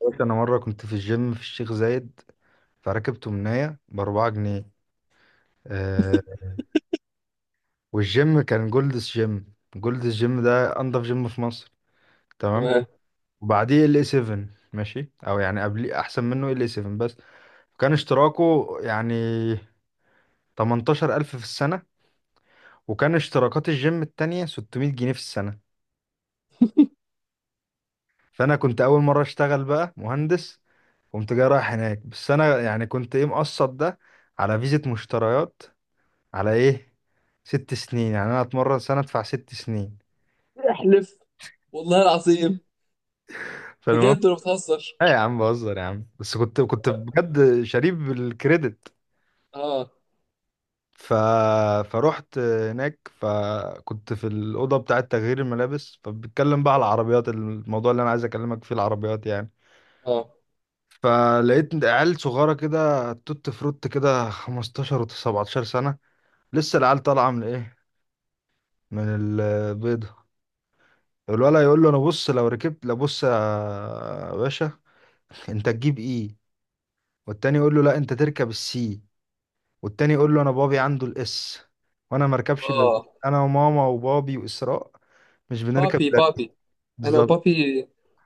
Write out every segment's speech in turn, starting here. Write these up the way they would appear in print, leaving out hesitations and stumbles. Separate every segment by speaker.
Speaker 1: قلت انا مره كنت في الجيم في الشيخ زايد، فركبت مناية باربعة جنيه. آه، والجيم كان جولدس جيم. جولدس جيم ده انضف جيم في مصر. تمام.
Speaker 2: تمام.
Speaker 1: وبعديه ال 7. ماشي، او يعني قبل، احسن منه ال 7. بس كان اشتراكه يعني 18000 في السنه، وكان اشتراكات الجيم التانية 600 جنيه في السنه. فانا كنت اول مره اشتغل بقى مهندس. قمت جاي رايح هناك، بس انا يعني كنت ايه، مقسط ده على فيزة مشتريات، على ايه، ست سنين. يعني انا اتمرن سنه ادفع ست سنين.
Speaker 2: احلف والله العظيم،
Speaker 1: فالمهم،
Speaker 2: بجد ولا بتهزر؟
Speaker 1: لا يا عم، بهزر يا عم، بس كنت بجد شريف بالكريدت.
Speaker 2: اه،
Speaker 1: ف... فروحت هناك، فكنت في الأوضة بتاعة تغيير الملابس، فبتكلم بقى على العربيات. الموضوع اللي أنا عايز أكلمك فيه العربيات يعني.
Speaker 2: اه،
Speaker 1: فلقيت عيال صغيرة كده، توت فروت كده، 15 و 17 سنة. لسه العيال طالعة من إيه، من البيضة. الولد يقول له: أنا بص لو ركبت، لا بص يا باشا، انت تجيب ايه؟ والتاني يقول له: لا، انت تركب السي. والتاني يقول له: انا بابي عنده الاس، وانا ما اركبش الا الاس،
Speaker 2: اه.
Speaker 1: انا وماما وبابي واسراء. مش بنركب
Speaker 2: بابي
Speaker 1: الا الإس.
Speaker 2: بابي، انا
Speaker 1: بالظبط.
Speaker 2: وبابي.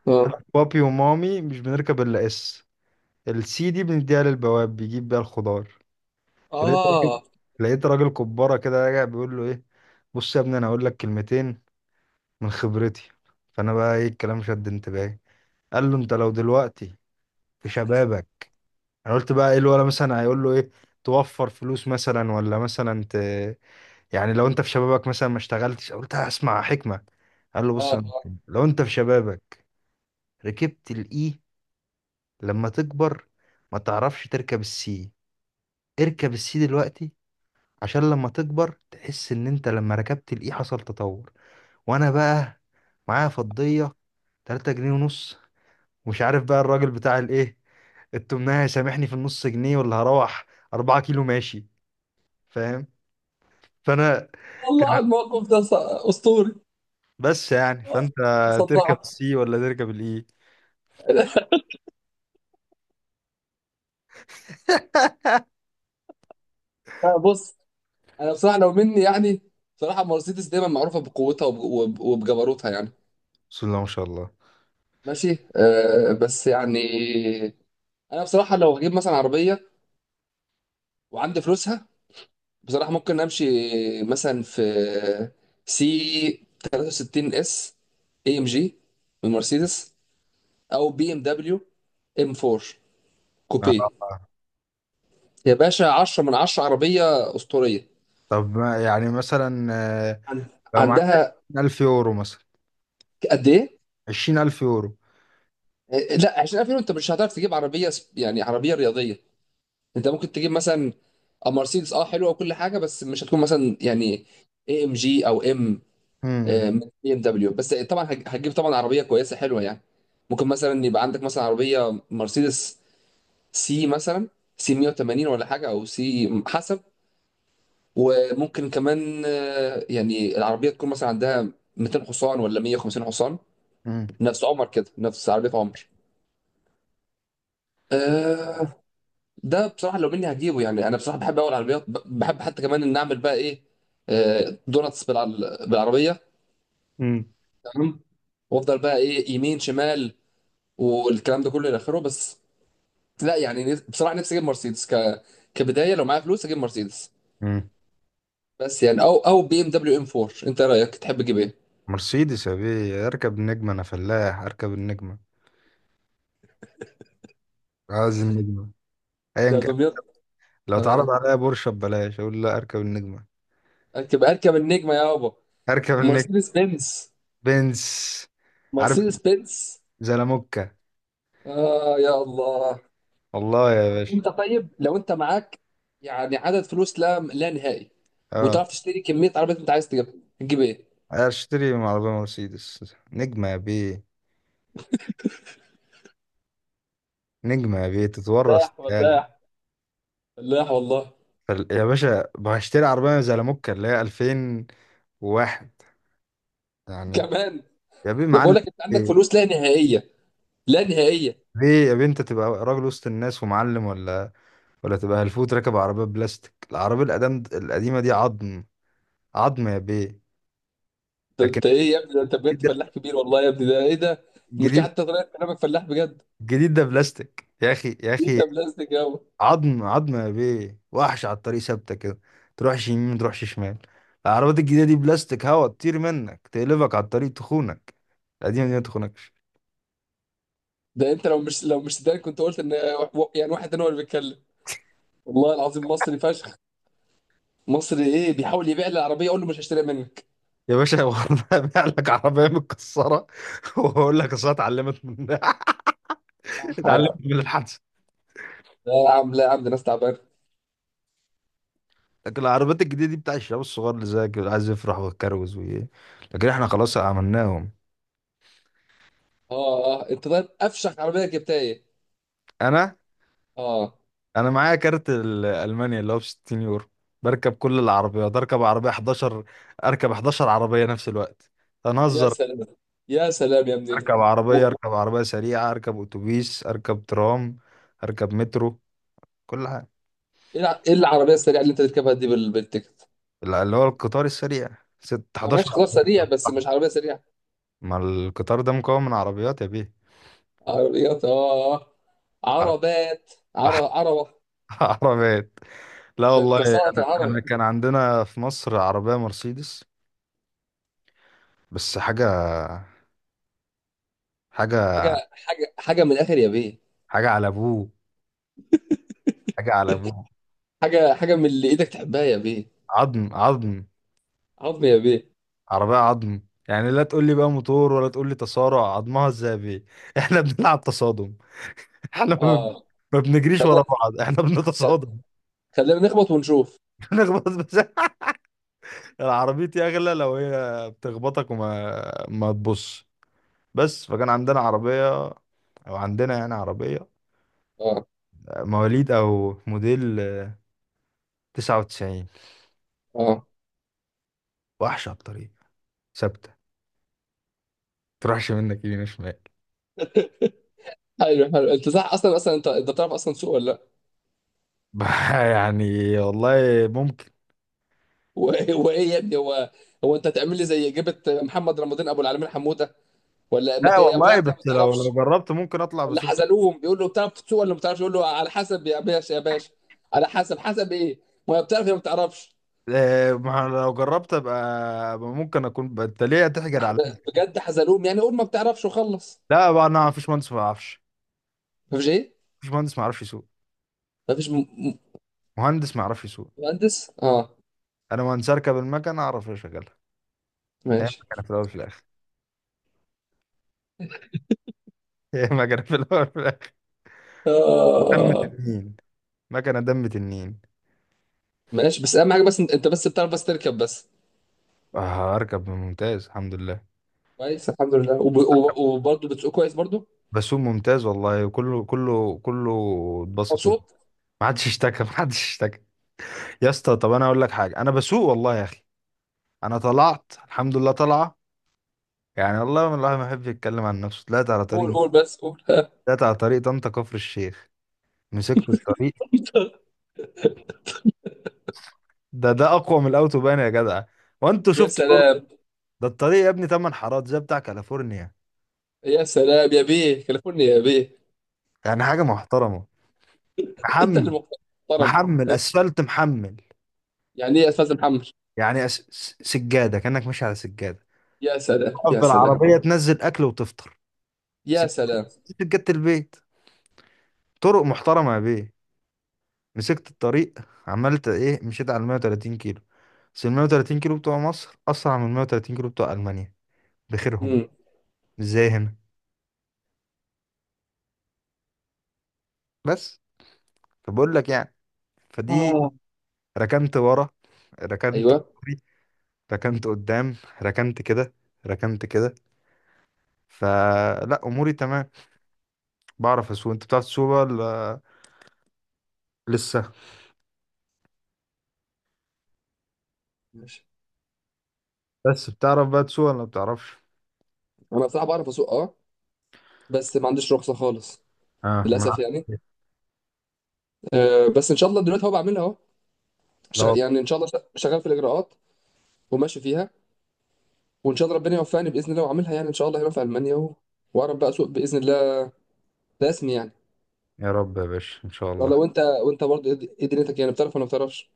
Speaker 2: اه،
Speaker 1: انا بابي ومامي مش بنركب الا اس. السي دي بنديها للبواب بيجيب بيها الخضار. فلقيت راجل،
Speaker 2: اه،
Speaker 1: لقيت راجل كبارة كده راجع بيقول له ايه، بص يا ابني انا هقول لك كلمتين من خبرتي. فانا بقى ايه، الكلام شد انتباهي. قال له: انت لو دلوقتي في شبابك، انا قلت بقى ايه الولا مثلا هيقول له ايه، توفر فلوس مثلا، ولا مثلا يعني لو انت في شبابك مثلا ما اشتغلتش. قلت هسمع حكمة. قال له: بص،
Speaker 2: اه.
Speaker 1: لو انت في شبابك ركبت الاي، لما تكبر ما تعرفش تركب السي. اركب السي دلوقتي عشان لما تكبر تحس ان انت لما ركبت الاي حصل تطور. وانا بقى معايا فضية 3 جنيه ونص، ومش عارف بقى الراجل بتاع الايه التمناه هيسامحني في النص جنيه، ولا هروح 4 كيلو ماشي. فاهم؟ فانا
Speaker 2: والله
Speaker 1: كان،
Speaker 2: على الموقف ده اسطوري.
Speaker 1: بس يعني
Speaker 2: آه،
Speaker 1: فانت تركب
Speaker 2: صدعت.
Speaker 1: السي ولا تركب الاي؟
Speaker 2: آه، بص، انا بصراحه لو مني، يعني بصراحه مرسيدس دايما معروفه بقوتها وبجبروتها يعني.
Speaker 1: بسم الله ما شاء الله.
Speaker 2: ماشي آه، بس يعني انا بصراحه لو هجيب مثلا عربيه وعندي فلوسها، بصراحة ممكن امشي مثلا في سي 63 اس اي ام جي من مرسيدس، او بي ام دبليو ام 4 كوبيه.
Speaker 1: آه.
Speaker 2: يا باشا 10 من 10، عربية أسطورية.
Speaker 1: طب يعني مثلا،
Speaker 2: عن-
Speaker 1: لو معاك
Speaker 2: عندها
Speaker 1: 20000 يورو مثلا،
Speaker 2: قد ايه؟
Speaker 1: 20000 يورو.
Speaker 2: إيه، لا، 20,000 يورو انت مش هتعرف تجيب عربية يعني عربية رياضية. انت ممكن تجيب مثلا مرسيدس اه حلوة وكل حاجة، بس مش هتكون مثلا يعني اي ام جي او ام.
Speaker 1: امم
Speaker 2: آه، من بي ام دبليو، بس طبعا هتجيب طبعا عربيه كويسه حلوه يعني. ممكن مثلا يبقى عندك مثلا عربيه مرسيدس سي مثلا، سي 180 ولا حاجه، او سي حسب. وممكن كمان آه، يعني العربيه تكون مثلا عندها 200 حصان ولا 150 حصان.
Speaker 1: امم
Speaker 2: نفس عمر كده، نفس عربيه عمر. آه. ده بصراحه لو مني هجيبه يعني. انا بصراحه بحب اول عربيات بحب حتى كمان ان اعمل بقى ايه، آه، دوناتس بالعربيه.
Speaker 1: امم
Speaker 2: تمام. وافضل بقى ايه، يمين شمال، والكلام ده كله الى اخره. بس لا، يعني بصراحه نفسي اجيب مرسيدس كبدايه، لو معايا فلوس اجيب مرسيدس.
Speaker 1: امم
Speaker 2: بس يعني، او بي ام دبليو ام 4، انت رايك تحب تجيب ايه؟
Speaker 1: مرسيدس يا بيه، اركب النجمة. انا فلاح، اركب النجمة، عايز النجمة
Speaker 2: ده
Speaker 1: ايا كان.
Speaker 2: دمياط.
Speaker 1: لو اتعرض
Speaker 2: اه،
Speaker 1: عليا بورشه ببلاش اقول لا، اركب النجمة.
Speaker 2: اركب اركب النجمه يابا.
Speaker 1: اركب النجمة.
Speaker 2: مرسيدس بنز.
Speaker 1: بنز. عارف،
Speaker 2: مرسيدس بنز.
Speaker 1: زلموكة.
Speaker 2: اه يا الله.
Speaker 1: والله يا
Speaker 2: طب
Speaker 1: باشا.
Speaker 2: انت، طيب لو انت معاك يعني عدد فلوس لا نهائي،
Speaker 1: اه،
Speaker 2: وتعرف تشتري كميه عربيات انت عايز تجيبها، تجيب ايه؟
Speaker 1: اشتري عربية مرسيدس نجمة يا بيه. نجمة يا بيه تتورث
Speaker 2: فلاح
Speaker 1: تالي.
Speaker 2: ولاح، فلاح والله.
Speaker 1: يا باشا هشتري عربية زي لاموكا اللي هي 2001 يعني.
Speaker 2: كمان؟
Speaker 1: يا بيه
Speaker 2: ده بقول
Speaker 1: معلم.
Speaker 2: لك انت عندك
Speaker 1: بيه
Speaker 2: فلوس لا نهائيه، لا نهائيه.
Speaker 1: بيه يا بيه، انت تبقى راجل وسط الناس ومعلم، ولا تبقى هلفوت راكب عربية بلاستيك، العربية القدام القديمة دي عظم. عظم يا بيه.
Speaker 2: طب
Speaker 1: لكن
Speaker 2: انت ايه يا ابني؟ ده انت بجد
Speaker 1: الجديد
Speaker 2: فلاح
Speaker 1: ده،
Speaker 2: كبير والله يا ابني، ده ايه ده؟ مش
Speaker 1: الجديد،
Speaker 2: حتى طريقه كلامك فلاح بجد.
Speaker 1: الجديد ده بلاستيك يا اخي يا
Speaker 2: انت
Speaker 1: اخي.
Speaker 2: بلاستيك يابا.
Speaker 1: عظم عظم يا بيه، وحش على الطريق، ثابته كده، تروحش يمين متروحش شمال. العربيات الجديده دي بلاستيك، هوا تطير منك، تقلبك على الطريق، تخونك. القديمه دي ما تخونكش.
Speaker 2: ده انت لو مش سوداني كنت قلت ان يعني واحد تاني هو اللي بيتكلم. والله العظيم مصري فشخ. مصري ايه، بيحاول يبيع لي العربيه اقول له مش هشتريها منك.
Speaker 1: يا باشا والله ابيع لك عربيه متكسره. واقول لك اصل اتعلمت من
Speaker 2: صح.
Speaker 1: اتعلمت
Speaker 2: لا
Speaker 1: من الحادثه.
Speaker 2: يا عم، لا يا عم، ده ناس تعبانه.
Speaker 1: لكن العربيات الجديده دي بتاع الشباب الصغار اللي زيك، اللي عايز يفرح ويتكروز وايه. لكن احنا خلاص عملناهم.
Speaker 2: اه، اه. انت طيب، افشخ عربيه جبتها ايه؟
Speaker 1: انا
Speaker 2: اه.
Speaker 1: انا معايا كارت المانيا اللي هو ب 60 يورو. بركب كل العربيات، اركب عربيه 11، اركب 11 عربيه نفس الوقت.
Speaker 2: يا
Speaker 1: هنهزر.
Speaker 2: سلام. يا سلام يا ابني.
Speaker 1: اركب عربيه،
Speaker 2: و-
Speaker 1: اركب عربيه سريعه، اركب اتوبيس، اركب ترام، اركب مترو، كل حاجه.
Speaker 2: ايه ايه العربيه السريعه اللي انت تركبها دي بالتيكت؟
Speaker 1: اللي هو القطار السريع، ست
Speaker 2: آه،
Speaker 1: 11.
Speaker 2: ماشي خلاص، سريع بس مش عربيه سريعه.
Speaker 1: ما القطار ده مكون من عربيات يا بيه.
Speaker 2: عربيات اه،
Speaker 1: ع-
Speaker 2: عربات، عربة.
Speaker 1: عربيات. لا
Speaker 2: ده
Speaker 1: والله.
Speaker 2: انت صنعة
Speaker 1: انا
Speaker 2: العربي.
Speaker 1: كان عندنا في مصر عربيه مرسيدس. بس حاجه، حاجه،
Speaker 2: حاجة حاجة حاجة من الآخر يا بيه.
Speaker 1: حاجه على ابوه، حاجه على ابوه.
Speaker 2: حاجة حاجة من اللي ايدك تحبها يا بيه.
Speaker 1: عظم عظم.
Speaker 2: عظم يا بيه.
Speaker 1: عربية عظم. يعني لا تقول لي بقى موتور، ولا تقول لي تصارع. عظمها الذهبي احنا بنلعب تصادم. احنا ما بن-
Speaker 2: اه.
Speaker 1: ما بنجريش ورا
Speaker 2: خلينا،
Speaker 1: بعض، احنا بنتصادم.
Speaker 2: خلينا نخبط ونشوف.
Speaker 1: نخبط بس. العربيتي اغلى لو هي بتخبطك وما ما تبص. بس فكان عندنا عربية، او عندنا يعني عربية
Speaker 2: اه،
Speaker 1: مواليد او موديل 99،
Speaker 2: اه.
Speaker 1: وحشة على الطريق، ثابتة، تروحش منك يمين شمال.
Speaker 2: حلو حلو، انت صح. اصلا اصلا، انت تعرف اصلا سوق ولا لا؟
Speaker 1: يعني والله ممكن.
Speaker 2: هو إيه، هو ايه يا ابني، هو، هو انت هتعمل لي زي جبت محمد رمضان ابو العالمين حموده، ولا ما
Speaker 1: لا
Speaker 2: ت- يا
Speaker 1: والله،
Speaker 2: بتعرف يا ما
Speaker 1: بس لو
Speaker 2: تعرفش؟
Speaker 1: جربت ممكن اطلع
Speaker 2: اللي
Speaker 1: بسوق.
Speaker 2: حزلوهم بيقول له بتعرف تسوق ولا ما بتعرفش، يقول له على حسب يا باشا، يا باشا على حسب. حسب ايه، ما هي بتعرف يا ما بتعرفش.
Speaker 1: إيه، ما أنا لو جربت ابقى، أبقى ممكن اكون انت ليه هتحجر عليا.
Speaker 2: بجد حزلوهم، يعني قول ما بتعرفش وخلص.
Speaker 1: لا بقى، انا مفيش مهندس ما يعرفش.
Speaker 2: مفيش ايه؟
Speaker 1: مفيش مهندس ما يعرفش يسوق.
Speaker 2: مفيش
Speaker 1: مهندس ما يعرفش يسوق.
Speaker 2: مهندس. اه.
Speaker 1: انا مهندس اركب المكنه اعرف اشغلها. هي
Speaker 2: ماشي.
Speaker 1: مكنه في الاول في الاخر. هي مكنه في الاول في الاخر. دم
Speaker 2: آه
Speaker 1: تنين، مكنه دم تنين.
Speaker 2: ماشي، بس اهم حاجه بس انت بس بتعرف بس تركب بس.
Speaker 1: اركب ممتاز الحمد لله.
Speaker 2: كويس، الحمد لله. وبرضه بتسوق كويس برضه؟
Speaker 1: بسوق ممتاز والله، كله كله كله، اتبسط مني.
Speaker 2: مبسوط.
Speaker 1: ما حدش اشتكى، ما حدش اشتكى. يا اسطى، طب انا اقول لك حاجه، انا بسوق والله يا اخي. انا طلعت الحمد لله طالعه، يعني والله من الواحد ما يحبش يتكلم عن نفسه.
Speaker 2: قول قول بس قول.
Speaker 1: طلعت على طريق طنطا كفر الشيخ. مسكت الطريق. ده اقوى من الاوتوبان يا جدع، وانتوا
Speaker 2: يا
Speaker 1: شفتوا طرق.
Speaker 2: سلام،
Speaker 1: ده الطريق يا ابني تمن حارات زي بتاع كاليفورنيا.
Speaker 2: يا سلام يا بيه، كلفوني يا بيه.
Speaker 1: يعني حاجه محترمه.
Speaker 2: انت
Speaker 1: محمل،
Speaker 2: اللي محترم.
Speaker 1: محمل اسفلت محمل.
Speaker 2: يعني ايه يا استاذ محمد؟
Speaker 1: يعني سجاده، كانك ماشي على سجاده.
Speaker 2: يا سلام. يا
Speaker 1: افضل
Speaker 2: سلام.
Speaker 1: عربيه تنزل اكل وتفطر.
Speaker 2: يا
Speaker 1: سج-
Speaker 2: سلام.
Speaker 1: سجاده البيت. طرق محترمه يا بيه. مسكت الطريق، عملت ايه، مشيت على 130 كيلو. بس ال 130 كيلو بتوع مصر اسرع من 130 كيلو بتوع المانيا بخيرهم.
Speaker 2: امم.
Speaker 1: ازاي هنا؟ بس فبقول لك يعني فدي،
Speaker 2: اه.
Speaker 1: ركنت ورا، ركنت
Speaker 2: ايوه.
Speaker 1: فوري، ركنت قدام، ركنت كده، ركنت كده. فلا اموري تمام، بعرف اسوق. انت بتعرف تسوق ولا لسه؟
Speaker 2: ماشي.
Speaker 1: بس بتعرف بقى تسوق ولا ما بتعرفش؟
Speaker 2: انا بصراحه بعرف اسوق اه، بس ما عنديش رخصه خالص
Speaker 1: اه، ما
Speaker 2: للاسف يعني.
Speaker 1: أنا-
Speaker 2: آه، بس ان شاء الله دلوقتي هو بعملها اهو.
Speaker 1: لا والله.
Speaker 2: يعني ان شاء الله شغال في الاجراءات وماشي فيها، وان شاء الله ربنا يوفقني باذن الله واعملها يعني ان شاء الله هنا في المانيا، و... واعرف بقى اسوق باذن الله، رسمي يعني.
Speaker 1: يا رب يا باشا ان شاء
Speaker 2: والله،
Speaker 1: الله.
Speaker 2: وانت برضه ايه، إيه دنيتك يعني، بتعرف ولا ما بتعرفش؟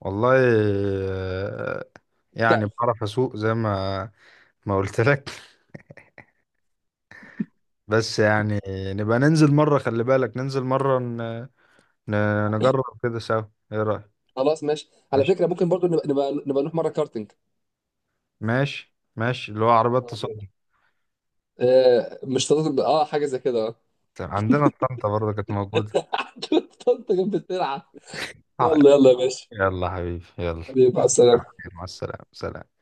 Speaker 1: والله آه، يعني
Speaker 2: بتعرف.
Speaker 1: بعرف اسوق زي ما قلت لك بس يعني نبقى ننزل مرة، خلي بالك، ننزل مرة ن... نجرب كده سوا. ايه رأيك؟
Speaker 2: خلاص ماشي، على
Speaker 1: ماشي،
Speaker 2: فكره ممكن برضه نبقى نروح مره كارتينج.
Speaker 1: ماشي اللي هو عربيات تصدي.
Speaker 2: آه، مش تنطق اه، حاجه زي كده اه.
Speaker 1: تمام، عندنا في طنطا برضه كانت موجودة.
Speaker 2: تنطق بالسرعه.
Speaker 1: آه،
Speaker 2: يلا يلا يا باشا.
Speaker 1: يلا حبيبي يلا.
Speaker 2: حبيبي مع السلامة.
Speaker 1: مع السلامة سلام.